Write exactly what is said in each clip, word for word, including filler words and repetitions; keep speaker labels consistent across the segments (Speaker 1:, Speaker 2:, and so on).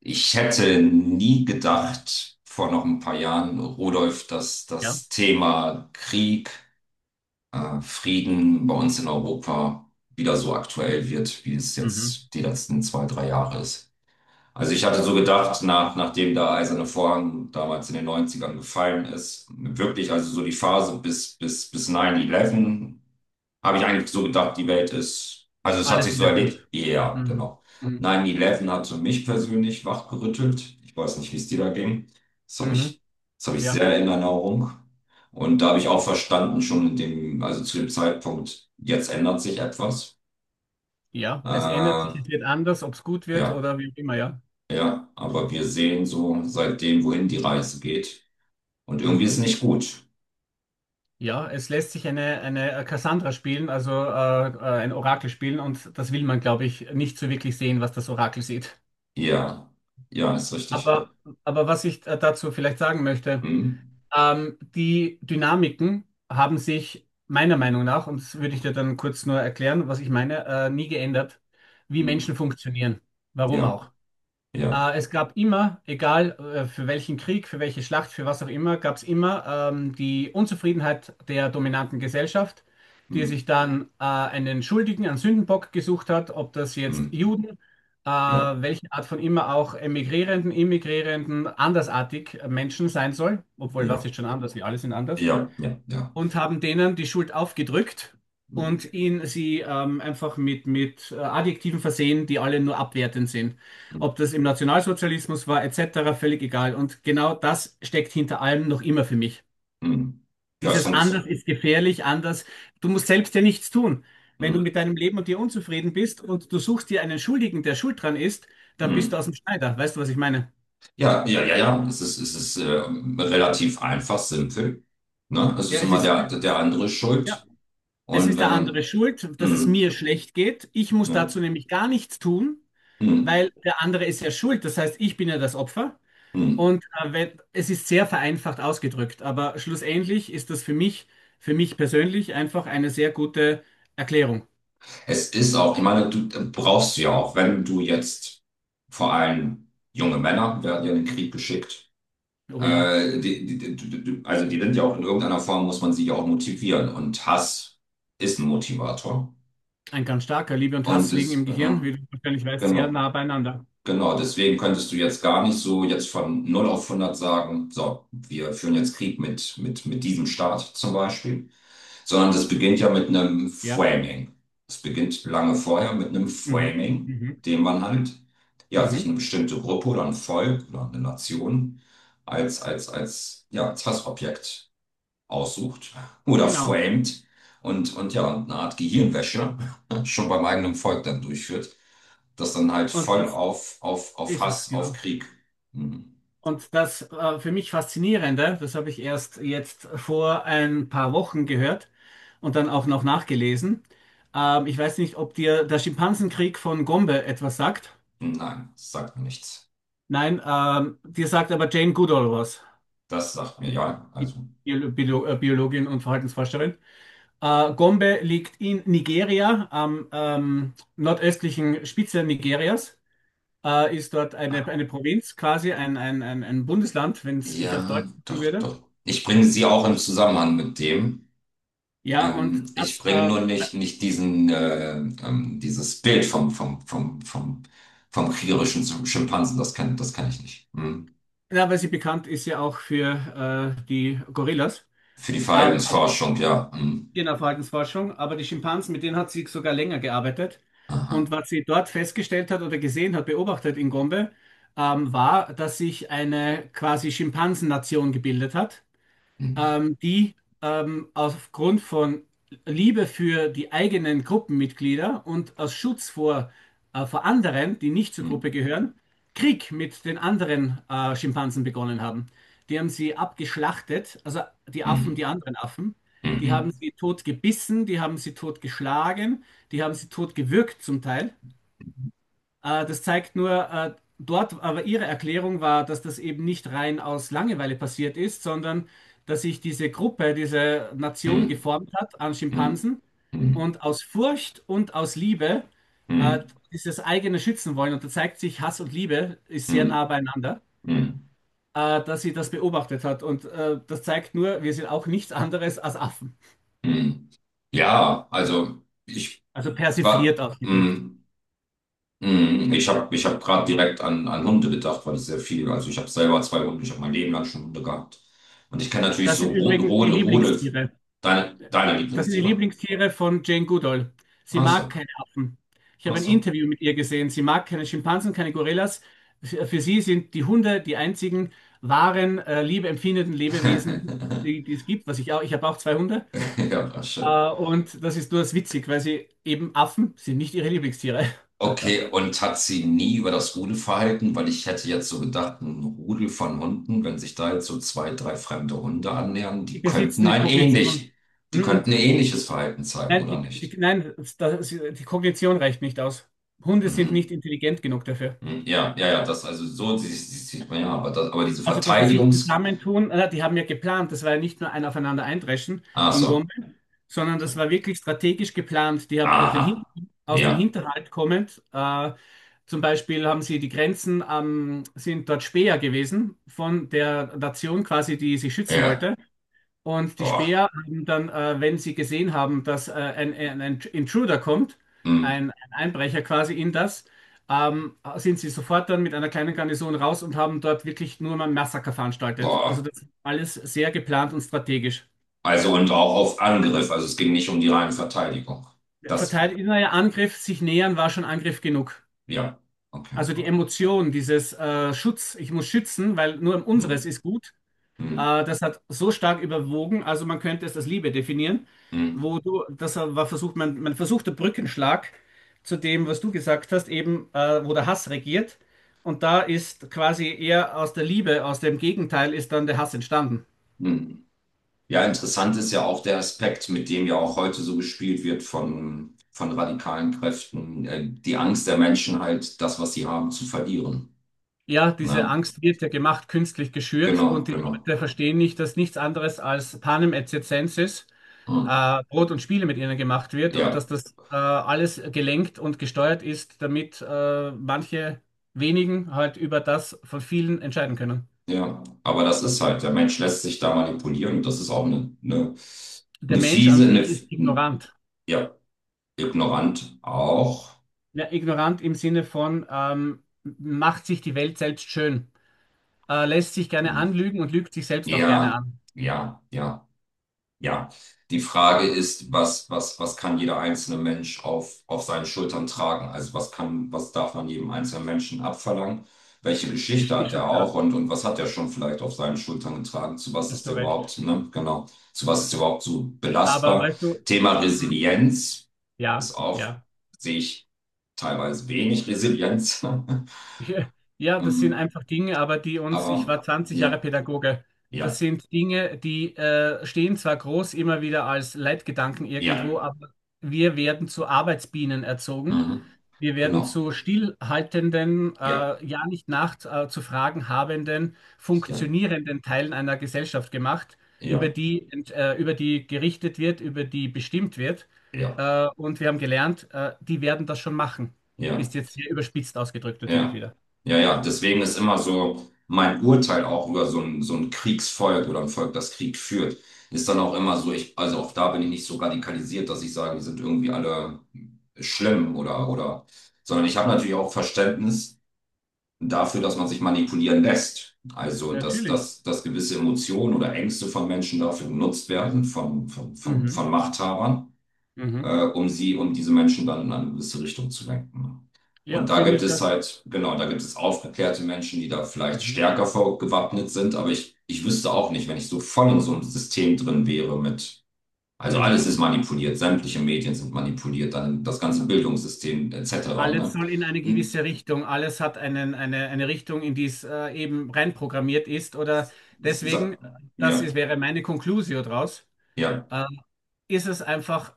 Speaker 1: Ich hätte nie gedacht, vor noch ein paar Jahren, Rudolf, dass
Speaker 2: Ja,
Speaker 1: das Thema Krieg, äh, Frieden bei uns in Europa wieder so aktuell wird, wie es
Speaker 2: mhm.
Speaker 1: jetzt die letzten zwei, drei Jahre ist. Also ich hatte so gedacht, nach, nachdem der Eiserne Vorhang damals in den Neunzigern gefallen ist, wirklich, also so die Phase bis, bis, bis neun elf, habe ich eigentlich so gedacht, die Welt ist, also es hat
Speaker 2: Alles
Speaker 1: sich so
Speaker 2: wieder, ja,
Speaker 1: erledigt.
Speaker 2: gut.
Speaker 1: Ja,
Speaker 2: Mhm.
Speaker 1: genau.
Speaker 2: Mhm.
Speaker 1: neun elf hat für mich persönlich wachgerüttelt. Ich weiß nicht, wie es dir da ging. Das habe
Speaker 2: Mhm.
Speaker 1: ich, Das habe ich sehr
Speaker 2: Ja,
Speaker 1: in Erinnerung. Und da habe ich auch verstanden, schon in dem, also zu dem Zeitpunkt, jetzt ändert sich etwas.
Speaker 2: ja, es ändert sich,
Speaker 1: Äh,
Speaker 2: es wird anders, ob es gut wird
Speaker 1: ja,
Speaker 2: oder wie auch immer, ja.
Speaker 1: ja, aber wir sehen so seitdem, wohin die Reise geht. Und irgendwie ist
Speaker 2: Mhm.
Speaker 1: nicht gut.
Speaker 2: Ja, es lässt sich eine, eine äh, Cassandra spielen, also äh, äh, ein Orakel spielen und das will man, glaube ich, nicht so wirklich sehen, was das Orakel sieht.
Speaker 1: Ja, ja, ist richtig.
Speaker 2: Aber, aber was ich äh, dazu vielleicht sagen möchte,
Speaker 1: Hm,
Speaker 2: ähm, die Dynamiken haben sich meiner Meinung nach, und das würde ich dir dann kurz nur erklären, was ich meine, äh, nie geändert, wie
Speaker 1: hm,
Speaker 2: Menschen funktionieren. Warum
Speaker 1: ja,
Speaker 2: auch?
Speaker 1: ja,
Speaker 2: Äh, es gab immer, egal äh, für welchen Krieg, für welche Schlacht, für was auch immer, gab es immer ähm, die Unzufriedenheit der dominanten Gesellschaft, die
Speaker 1: hm,
Speaker 2: sich dann äh, einen Schuldigen, einen Sündenbock gesucht hat, ob das jetzt
Speaker 1: hm,
Speaker 2: Juden, äh,
Speaker 1: ja,
Speaker 2: welche Art von immer auch Emigrierenden, Immigrierenden, andersartig Menschen sein soll, obwohl was
Speaker 1: ja,
Speaker 2: ist schon anders, wir alle sind anders
Speaker 1: ja, ja, ja.
Speaker 2: und haben denen die Schuld aufgedrückt
Speaker 1: Hm,
Speaker 2: und ihn sie ähm, einfach mit, mit äh, Adjektiven versehen, die alle nur abwertend sind.
Speaker 1: hm,
Speaker 2: Ob das im Nationalsozialismus war, et cetera, völlig egal. Und genau das steckt hinter allem noch immer für mich.
Speaker 1: hm. Ja, es
Speaker 2: Dieses
Speaker 1: funktioniert.
Speaker 2: anders ist gefährlich, anders. Du musst selbst ja nichts tun. Wenn
Speaker 1: Hm,
Speaker 2: du mit deinem Leben und dir unzufrieden bist und du suchst dir einen Schuldigen, der schuld dran ist, dann bist du
Speaker 1: hm.
Speaker 2: aus dem Schneider. Weißt du, was ich meine?
Speaker 1: Ja, ja, ja, ja. Es ist, es ist ähm, relativ einfach, simpel. Ne? Es
Speaker 2: Ja,
Speaker 1: ist
Speaker 2: es
Speaker 1: immer
Speaker 2: ist,
Speaker 1: der, der andere
Speaker 2: ja,
Speaker 1: schuld.
Speaker 2: es
Speaker 1: Und
Speaker 2: ist
Speaker 1: wenn
Speaker 2: der andere
Speaker 1: man.
Speaker 2: schuld, dass es
Speaker 1: Hm,
Speaker 2: mir schlecht geht. Ich muss
Speaker 1: ne?
Speaker 2: dazu nämlich gar nichts tun.
Speaker 1: Hm,
Speaker 2: Weil der andere ist ja schuld, das heißt, ich bin ja das Opfer
Speaker 1: hm.
Speaker 2: und äh, wenn, es ist sehr vereinfacht ausgedrückt, aber schlussendlich ist das für mich, für mich persönlich einfach eine sehr gute Erklärung.
Speaker 1: Es ist auch, ich meine, du äh, brauchst du ja auch, wenn du jetzt vor allem junge Männer werden ja in den Krieg geschickt.
Speaker 2: Oh ja,
Speaker 1: Äh, die, die, die, die, die- also die sind ja auch in irgendeiner Form, muss man sie ja auch motivieren. Und Hass ist ein Motivator.
Speaker 2: ein ganz starker Liebe und
Speaker 1: Und
Speaker 2: Hass liegen im
Speaker 1: es, äh,
Speaker 2: Gehirn, wie du wahrscheinlich weißt, sehr
Speaker 1: genau,
Speaker 2: nah beieinander.
Speaker 1: genau. Deswegen könntest du jetzt gar nicht so jetzt von null auf hundert sagen, so, wir führen jetzt Krieg mit, mit, mit diesem Staat zum Beispiel. Sondern das beginnt ja mit einem
Speaker 2: Ja,
Speaker 1: Framing. Es beginnt lange vorher mit einem
Speaker 2: mhm.
Speaker 1: Framing,
Speaker 2: Mhm.
Speaker 1: dem man halt ja, sich
Speaker 2: Mhm.
Speaker 1: eine bestimmte Gruppe oder ein Volk oder eine Nation als, als, als, ja, als Hassobjekt aussucht oder
Speaker 2: Genau.
Speaker 1: framed und, und ja, und eine Art Gehirnwäsche schon beim eigenen Volk dann durchführt, das dann halt
Speaker 2: Und
Speaker 1: voll
Speaker 2: das
Speaker 1: auf, auf, auf
Speaker 2: ist es,
Speaker 1: Hass, auf
Speaker 2: genau.
Speaker 1: Krieg. Hm.
Speaker 2: Und das äh, für mich Faszinierende, das habe ich erst jetzt vor ein paar Wochen gehört und dann auch noch nachgelesen. Ähm, ich weiß nicht, ob dir der Schimpansenkrieg von Gombe etwas sagt.
Speaker 1: Nein, das sagt mir nichts.
Speaker 2: Nein, ähm, dir sagt aber Jane Goodall was,
Speaker 1: Das sagt mir ja,
Speaker 2: die
Speaker 1: also
Speaker 2: Bio- Bio- äh, Biologin und Verhaltensforscherin. Äh, Gombe liegt in Nigeria, am ähm, nordöstlichen Spitze Nigerias. Äh, ist dort eine, eine Provinz, quasi ein, ein, ein, ein Bundesland, wenn es ich auf
Speaker 1: ja,
Speaker 2: Deutsch sagen
Speaker 1: doch,
Speaker 2: würde.
Speaker 1: doch. Ich bringe sie auch im Zusammenhang mit dem.
Speaker 2: Ja, und
Speaker 1: Ähm, ich
Speaker 2: das,
Speaker 1: bringe nur
Speaker 2: ähm,
Speaker 1: nicht, nicht diesen, äh, ähm, dieses Bild vom, vom, vom, vom, vom kriegerischen Sch- Schimpansen. Das kann, das kann ich nicht. Hm.
Speaker 2: ja, weil sie bekannt ist ja auch für äh, die Gorillas,
Speaker 1: Für die
Speaker 2: ähm, aber
Speaker 1: Verhaltensforschung, ja. Hm.
Speaker 2: in der Verhaltensforschung, aber die Schimpansen, mit denen hat sie sogar länger gearbeitet. Und
Speaker 1: Aha.
Speaker 2: was sie dort festgestellt hat oder gesehen hat, beobachtet in Gombe, ähm, war, dass sich eine quasi Schimpansennation gebildet hat.
Speaker 1: Hm.
Speaker 2: Ähm, die ähm, aufgrund von Liebe für die eigenen Gruppenmitglieder und aus Schutz vor, äh, vor anderen, die nicht zur
Speaker 1: Hm.
Speaker 2: Gruppe gehören, Krieg mit den anderen äh, Schimpansen begonnen haben. Die haben sie abgeschlachtet, also die
Speaker 1: Hm.
Speaker 2: Affen, die anderen Affen. Die haben sie tot gebissen, die haben sie tot geschlagen, die haben sie tot gewürgt zum Teil. Äh, das zeigt nur, äh, dort, aber ihre Erklärung war, dass das eben nicht rein aus Langeweile passiert ist, sondern dass sich diese Gruppe, diese Nation
Speaker 1: Hm.
Speaker 2: geformt hat an
Speaker 1: Hm.
Speaker 2: Schimpansen
Speaker 1: Hm. Hm.
Speaker 2: und aus Furcht und aus Liebe äh,
Speaker 1: Hm.
Speaker 2: dieses eigene schützen wollen. Und da zeigt sich, Hass und Liebe ist sehr nah
Speaker 1: Hm.
Speaker 2: beieinander,
Speaker 1: Hm. Hm.
Speaker 2: äh, dass sie das beobachtet hat. Und äh, das zeigt nur, wir sind auch nichts anderes als Affen.
Speaker 1: Hm. Ja, also ich
Speaker 2: Also
Speaker 1: war.
Speaker 2: persifliert ausgedrückt.
Speaker 1: Hm. Mhm. Ich habe ich hab gerade direkt an, an Hunde gedacht, weil ich sehr viel, also ich habe selber zwei Hunde, ich habe mein Leben lang schon Hunde gehabt. Und ich kenne natürlich
Speaker 2: Das sind
Speaker 1: so Rode,
Speaker 2: übrigens die
Speaker 1: Rode, Rode,
Speaker 2: Lieblingstiere.
Speaker 1: deine, deine
Speaker 2: Das sind die
Speaker 1: Lieblingstiere.
Speaker 2: Lieblingstiere von Jane Goodall. Sie
Speaker 1: Ach
Speaker 2: mag
Speaker 1: so,
Speaker 2: keine Affen. Ich
Speaker 1: ach
Speaker 2: habe ein
Speaker 1: so.
Speaker 2: Interview mit ihr gesehen. Sie mag keine Schimpansen, keine Gorillas. Für sie sind die Hunde die einzigen wahren, äh, liebeempfindenden Lebewesen, die, die es gibt, was ich auch, ich habe auch zwei Hunde.
Speaker 1: Ja, war schön.
Speaker 2: Äh, und das ist nur das witzig, weil sie eben Affen sind nicht ihre Lieblingstiere.
Speaker 1: Okay, und hat sie nie über das Rudelverhalten, weil ich hätte jetzt so gedacht, ein Rudel von Hunden, wenn sich da jetzt so zwei, drei fremde Hunde annähern,
Speaker 2: Die
Speaker 1: die könnten
Speaker 2: besitzen die
Speaker 1: ein
Speaker 2: Kognition.
Speaker 1: ähnlich, die
Speaker 2: Mhm.
Speaker 1: könnten ein ähnliches Verhalten zeigen,
Speaker 2: Nein,
Speaker 1: oder
Speaker 2: die, die,
Speaker 1: nicht?
Speaker 2: nein, das, die Kognition reicht nicht aus. Hunde sind nicht
Speaker 1: Mhm.
Speaker 2: intelligent genug dafür.
Speaker 1: Hm, ja, ja, ja, das, also so sie- sie- sieht man ja, aber, das, aber diese
Speaker 2: Also, dass sie sich
Speaker 1: Verteidigungs.
Speaker 2: zusammentun, äh, die haben ja geplant, das war ja nicht nur ein Aufeinander eindreschen
Speaker 1: Ach
Speaker 2: in
Speaker 1: so.
Speaker 2: Gombe, sondern das
Speaker 1: So,
Speaker 2: war wirklich strategisch geplant. Die haben aus, den Hin
Speaker 1: aha.
Speaker 2: aus dem
Speaker 1: Ja,
Speaker 2: Hinterhalt kommend, äh, zum Beispiel haben sie die Grenzen, am- sind dort Späher gewesen von der Nation quasi, die sie schützen
Speaker 1: ja.
Speaker 2: wollte. Und die
Speaker 1: Boah.
Speaker 2: Späher haben dann, äh, wenn sie gesehen haben, dass äh, ein, ein, ein Intruder kommt,
Speaker 1: Hm,
Speaker 2: ein, ein Einbrecher quasi in das, ähm, sind sie sofort dann mit einer kleinen Garnison raus und haben dort wirklich nur mal ein Massaker veranstaltet. Also
Speaker 1: boah.
Speaker 2: das ist alles sehr geplant und strategisch.
Speaker 1: Also und auch auf Angriff. Also es ging nicht um die reine Verteidigung. Das,
Speaker 2: Verteidiger Angriff, sich nähern war schon Angriff genug.
Speaker 1: ja. Okay,
Speaker 2: Also die
Speaker 1: okay.
Speaker 2: Emotion, dieses äh, Schutz, ich muss schützen, weil nur um unseres
Speaker 1: Hm,
Speaker 2: ist gut.
Speaker 1: hm,
Speaker 2: Äh, das hat so stark überwogen, also man könnte es als Liebe definieren,
Speaker 1: hm,
Speaker 2: wo du, das war versucht, man, man versuchte Brückenschlag zu dem, was du gesagt hast, eben, äh, wo der Hass regiert. Und da ist quasi eher aus der Liebe, aus dem Gegenteil, ist dann der Hass entstanden.
Speaker 1: hm. Ja, interessant ist ja auch der Aspekt, mit dem ja auch heute so gespielt wird von, von radikalen Kräften, äh, die Angst der Menschen halt, das, was sie haben, zu verlieren.
Speaker 2: Ja, diese
Speaker 1: Ne?
Speaker 2: Angst wird ja gemacht, künstlich geschürt
Speaker 1: Genau,
Speaker 2: und die
Speaker 1: genau.
Speaker 2: Leute verstehen nicht, dass nichts anderes als Panem et circenses,
Speaker 1: Hm.
Speaker 2: äh, Brot und Spiele mit ihnen gemacht wird und dass
Speaker 1: Ja.
Speaker 2: das äh, alles gelenkt und gesteuert ist, damit äh, manche wenigen halt über das von vielen entscheiden können.
Speaker 1: Ja, aber das ist halt, der Mensch lässt sich da manipulieren und das ist auch eine, eine,
Speaker 2: Der
Speaker 1: eine
Speaker 2: Mensch an
Speaker 1: fiese, eine,
Speaker 2: sich
Speaker 1: f-
Speaker 2: ist ignorant.
Speaker 1: ja, ignorant auch.
Speaker 2: Ja, ignorant im Sinne von ähm, macht sich die Welt selbst schön, äh, lässt sich gerne
Speaker 1: Hm.
Speaker 2: anlügen und lügt sich selbst auch gerne
Speaker 1: Ja,
Speaker 2: an.
Speaker 1: ja, ja. Ja, die Frage ist, was, was, was kann jeder einzelne Mensch auf, auf seinen Schultern tragen? Also was kann, was darf man jedem einzelnen Menschen abverlangen? Welche Geschichte
Speaker 2: Ist, ist
Speaker 1: hat
Speaker 2: schon
Speaker 1: er auch
Speaker 2: klar,
Speaker 1: und, und was hat er schon vielleicht auf seinen Schultern getragen? Zu was
Speaker 2: hast
Speaker 1: ist
Speaker 2: du
Speaker 1: er
Speaker 2: recht.
Speaker 1: überhaupt, ne? Genau. Zu was ist er überhaupt so
Speaker 2: Aber
Speaker 1: belastbar?
Speaker 2: weißt du,
Speaker 1: Thema
Speaker 2: mhm.
Speaker 1: Resilienz
Speaker 2: Ja,
Speaker 1: ist auch,
Speaker 2: ja.
Speaker 1: sehe ich teilweise wenig Resilienz.
Speaker 2: Ja, das sind
Speaker 1: Ähm,
Speaker 2: einfach Dinge, aber die uns, ich
Speaker 1: aber
Speaker 2: war zwanzig
Speaker 1: ja,
Speaker 2: Jahre Pädagoge, das
Speaker 1: ja,
Speaker 2: sind Dinge, die äh, stehen zwar groß immer wieder als Leitgedanken
Speaker 1: ja.
Speaker 2: irgendwo, aber wir werden zu Arbeitsbienen erzogen.
Speaker 1: Mhm.
Speaker 2: Wir werden
Speaker 1: Genau.
Speaker 2: zu stillhaltenden,
Speaker 1: Ja,
Speaker 2: äh, ja nicht nachts äh, zu fragen habenden,
Speaker 1: ja,
Speaker 2: funktionierenden Teilen einer Gesellschaft gemacht, über
Speaker 1: ja,
Speaker 2: die, ent- äh, über die gerichtet wird, über die bestimmt wird.
Speaker 1: ja, ja,
Speaker 2: Äh, und wir haben gelernt, äh, die werden das schon machen.
Speaker 1: ja.
Speaker 2: Ist jetzt sehr überspitzt ausgedrückt natürlich
Speaker 1: Ja,
Speaker 2: wieder.
Speaker 1: ja, ja. Deswegen ist immer so mein Urteil auch über so ein, so ein Kriegsvolk oder ein Volk, das Krieg führt, ist dann auch immer so, ich, also auch da bin ich nicht so radikalisiert, dass ich sage, die sind irgendwie alle schlimm oder, oder, sondern ich habe natürlich auch Verständnis dafür, dass man sich manipulieren lässt. Also, dass,
Speaker 2: Natürlich.
Speaker 1: dass, dass gewisse Emotionen oder Ängste von Menschen dafür genutzt werden, von, von, von,
Speaker 2: Mhm.
Speaker 1: von Machthabern
Speaker 2: Mhm.
Speaker 1: äh, um sie, um diese Menschen dann in eine gewisse Richtung zu lenken. Und
Speaker 2: Ja,
Speaker 1: da
Speaker 2: finde
Speaker 1: gibt
Speaker 2: ich
Speaker 1: es
Speaker 2: das.
Speaker 1: halt, genau, da gibt es aufgeklärte Menschen, die da vielleicht
Speaker 2: Mhm.
Speaker 1: stärker vorgewappnet sind, aber ich, ich wüsste auch nicht, wenn ich so voll in so einem System drin wäre mit, also
Speaker 2: Mhm.
Speaker 1: alles ist manipuliert, sämtliche Medien sind manipuliert, dann das ganze Bildungssystem et cetera,
Speaker 2: Alles
Speaker 1: ne?
Speaker 2: soll in eine gewisse
Speaker 1: Hm,
Speaker 2: Richtung, alles hat einen, eine, eine Richtung, in die es äh, eben reinprogrammiert ist. Oder
Speaker 1: sa-
Speaker 2: deswegen,
Speaker 1: Ja,
Speaker 2: das ist, wäre meine Conclusio draus,
Speaker 1: ja,
Speaker 2: äh, ist es einfach,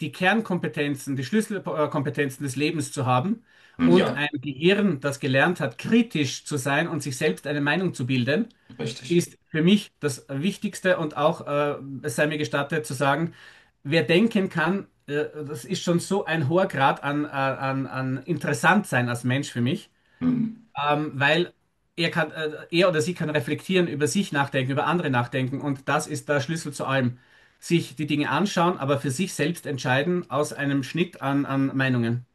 Speaker 2: die Kernkompetenzen, die Schlüsselkompetenzen des Lebens zu haben
Speaker 1: hm,
Speaker 2: und
Speaker 1: ja,
Speaker 2: ein Gehirn, das gelernt hat, kritisch zu sein und sich selbst eine Meinung zu bilden
Speaker 1: richtig.
Speaker 2: ist für mich das Wichtigste und auch, äh, es sei mir gestattet zu sagen, wer denken kann, äh, das ist schon so ein hoher Grad an, äh, an, an interessant sein als Mensch für mich,
Speaker 1: Hm.
Speaker 2: ähm, weil er kann, äh, er oder sie kann reflektieren, über sich nachdenken, über andere nachdenken und das ist der Schlüssel zu allem. Sich die Dinge anschauen, aber für sich selbst entscheiden aus einem Schnitt an, an Meinungen.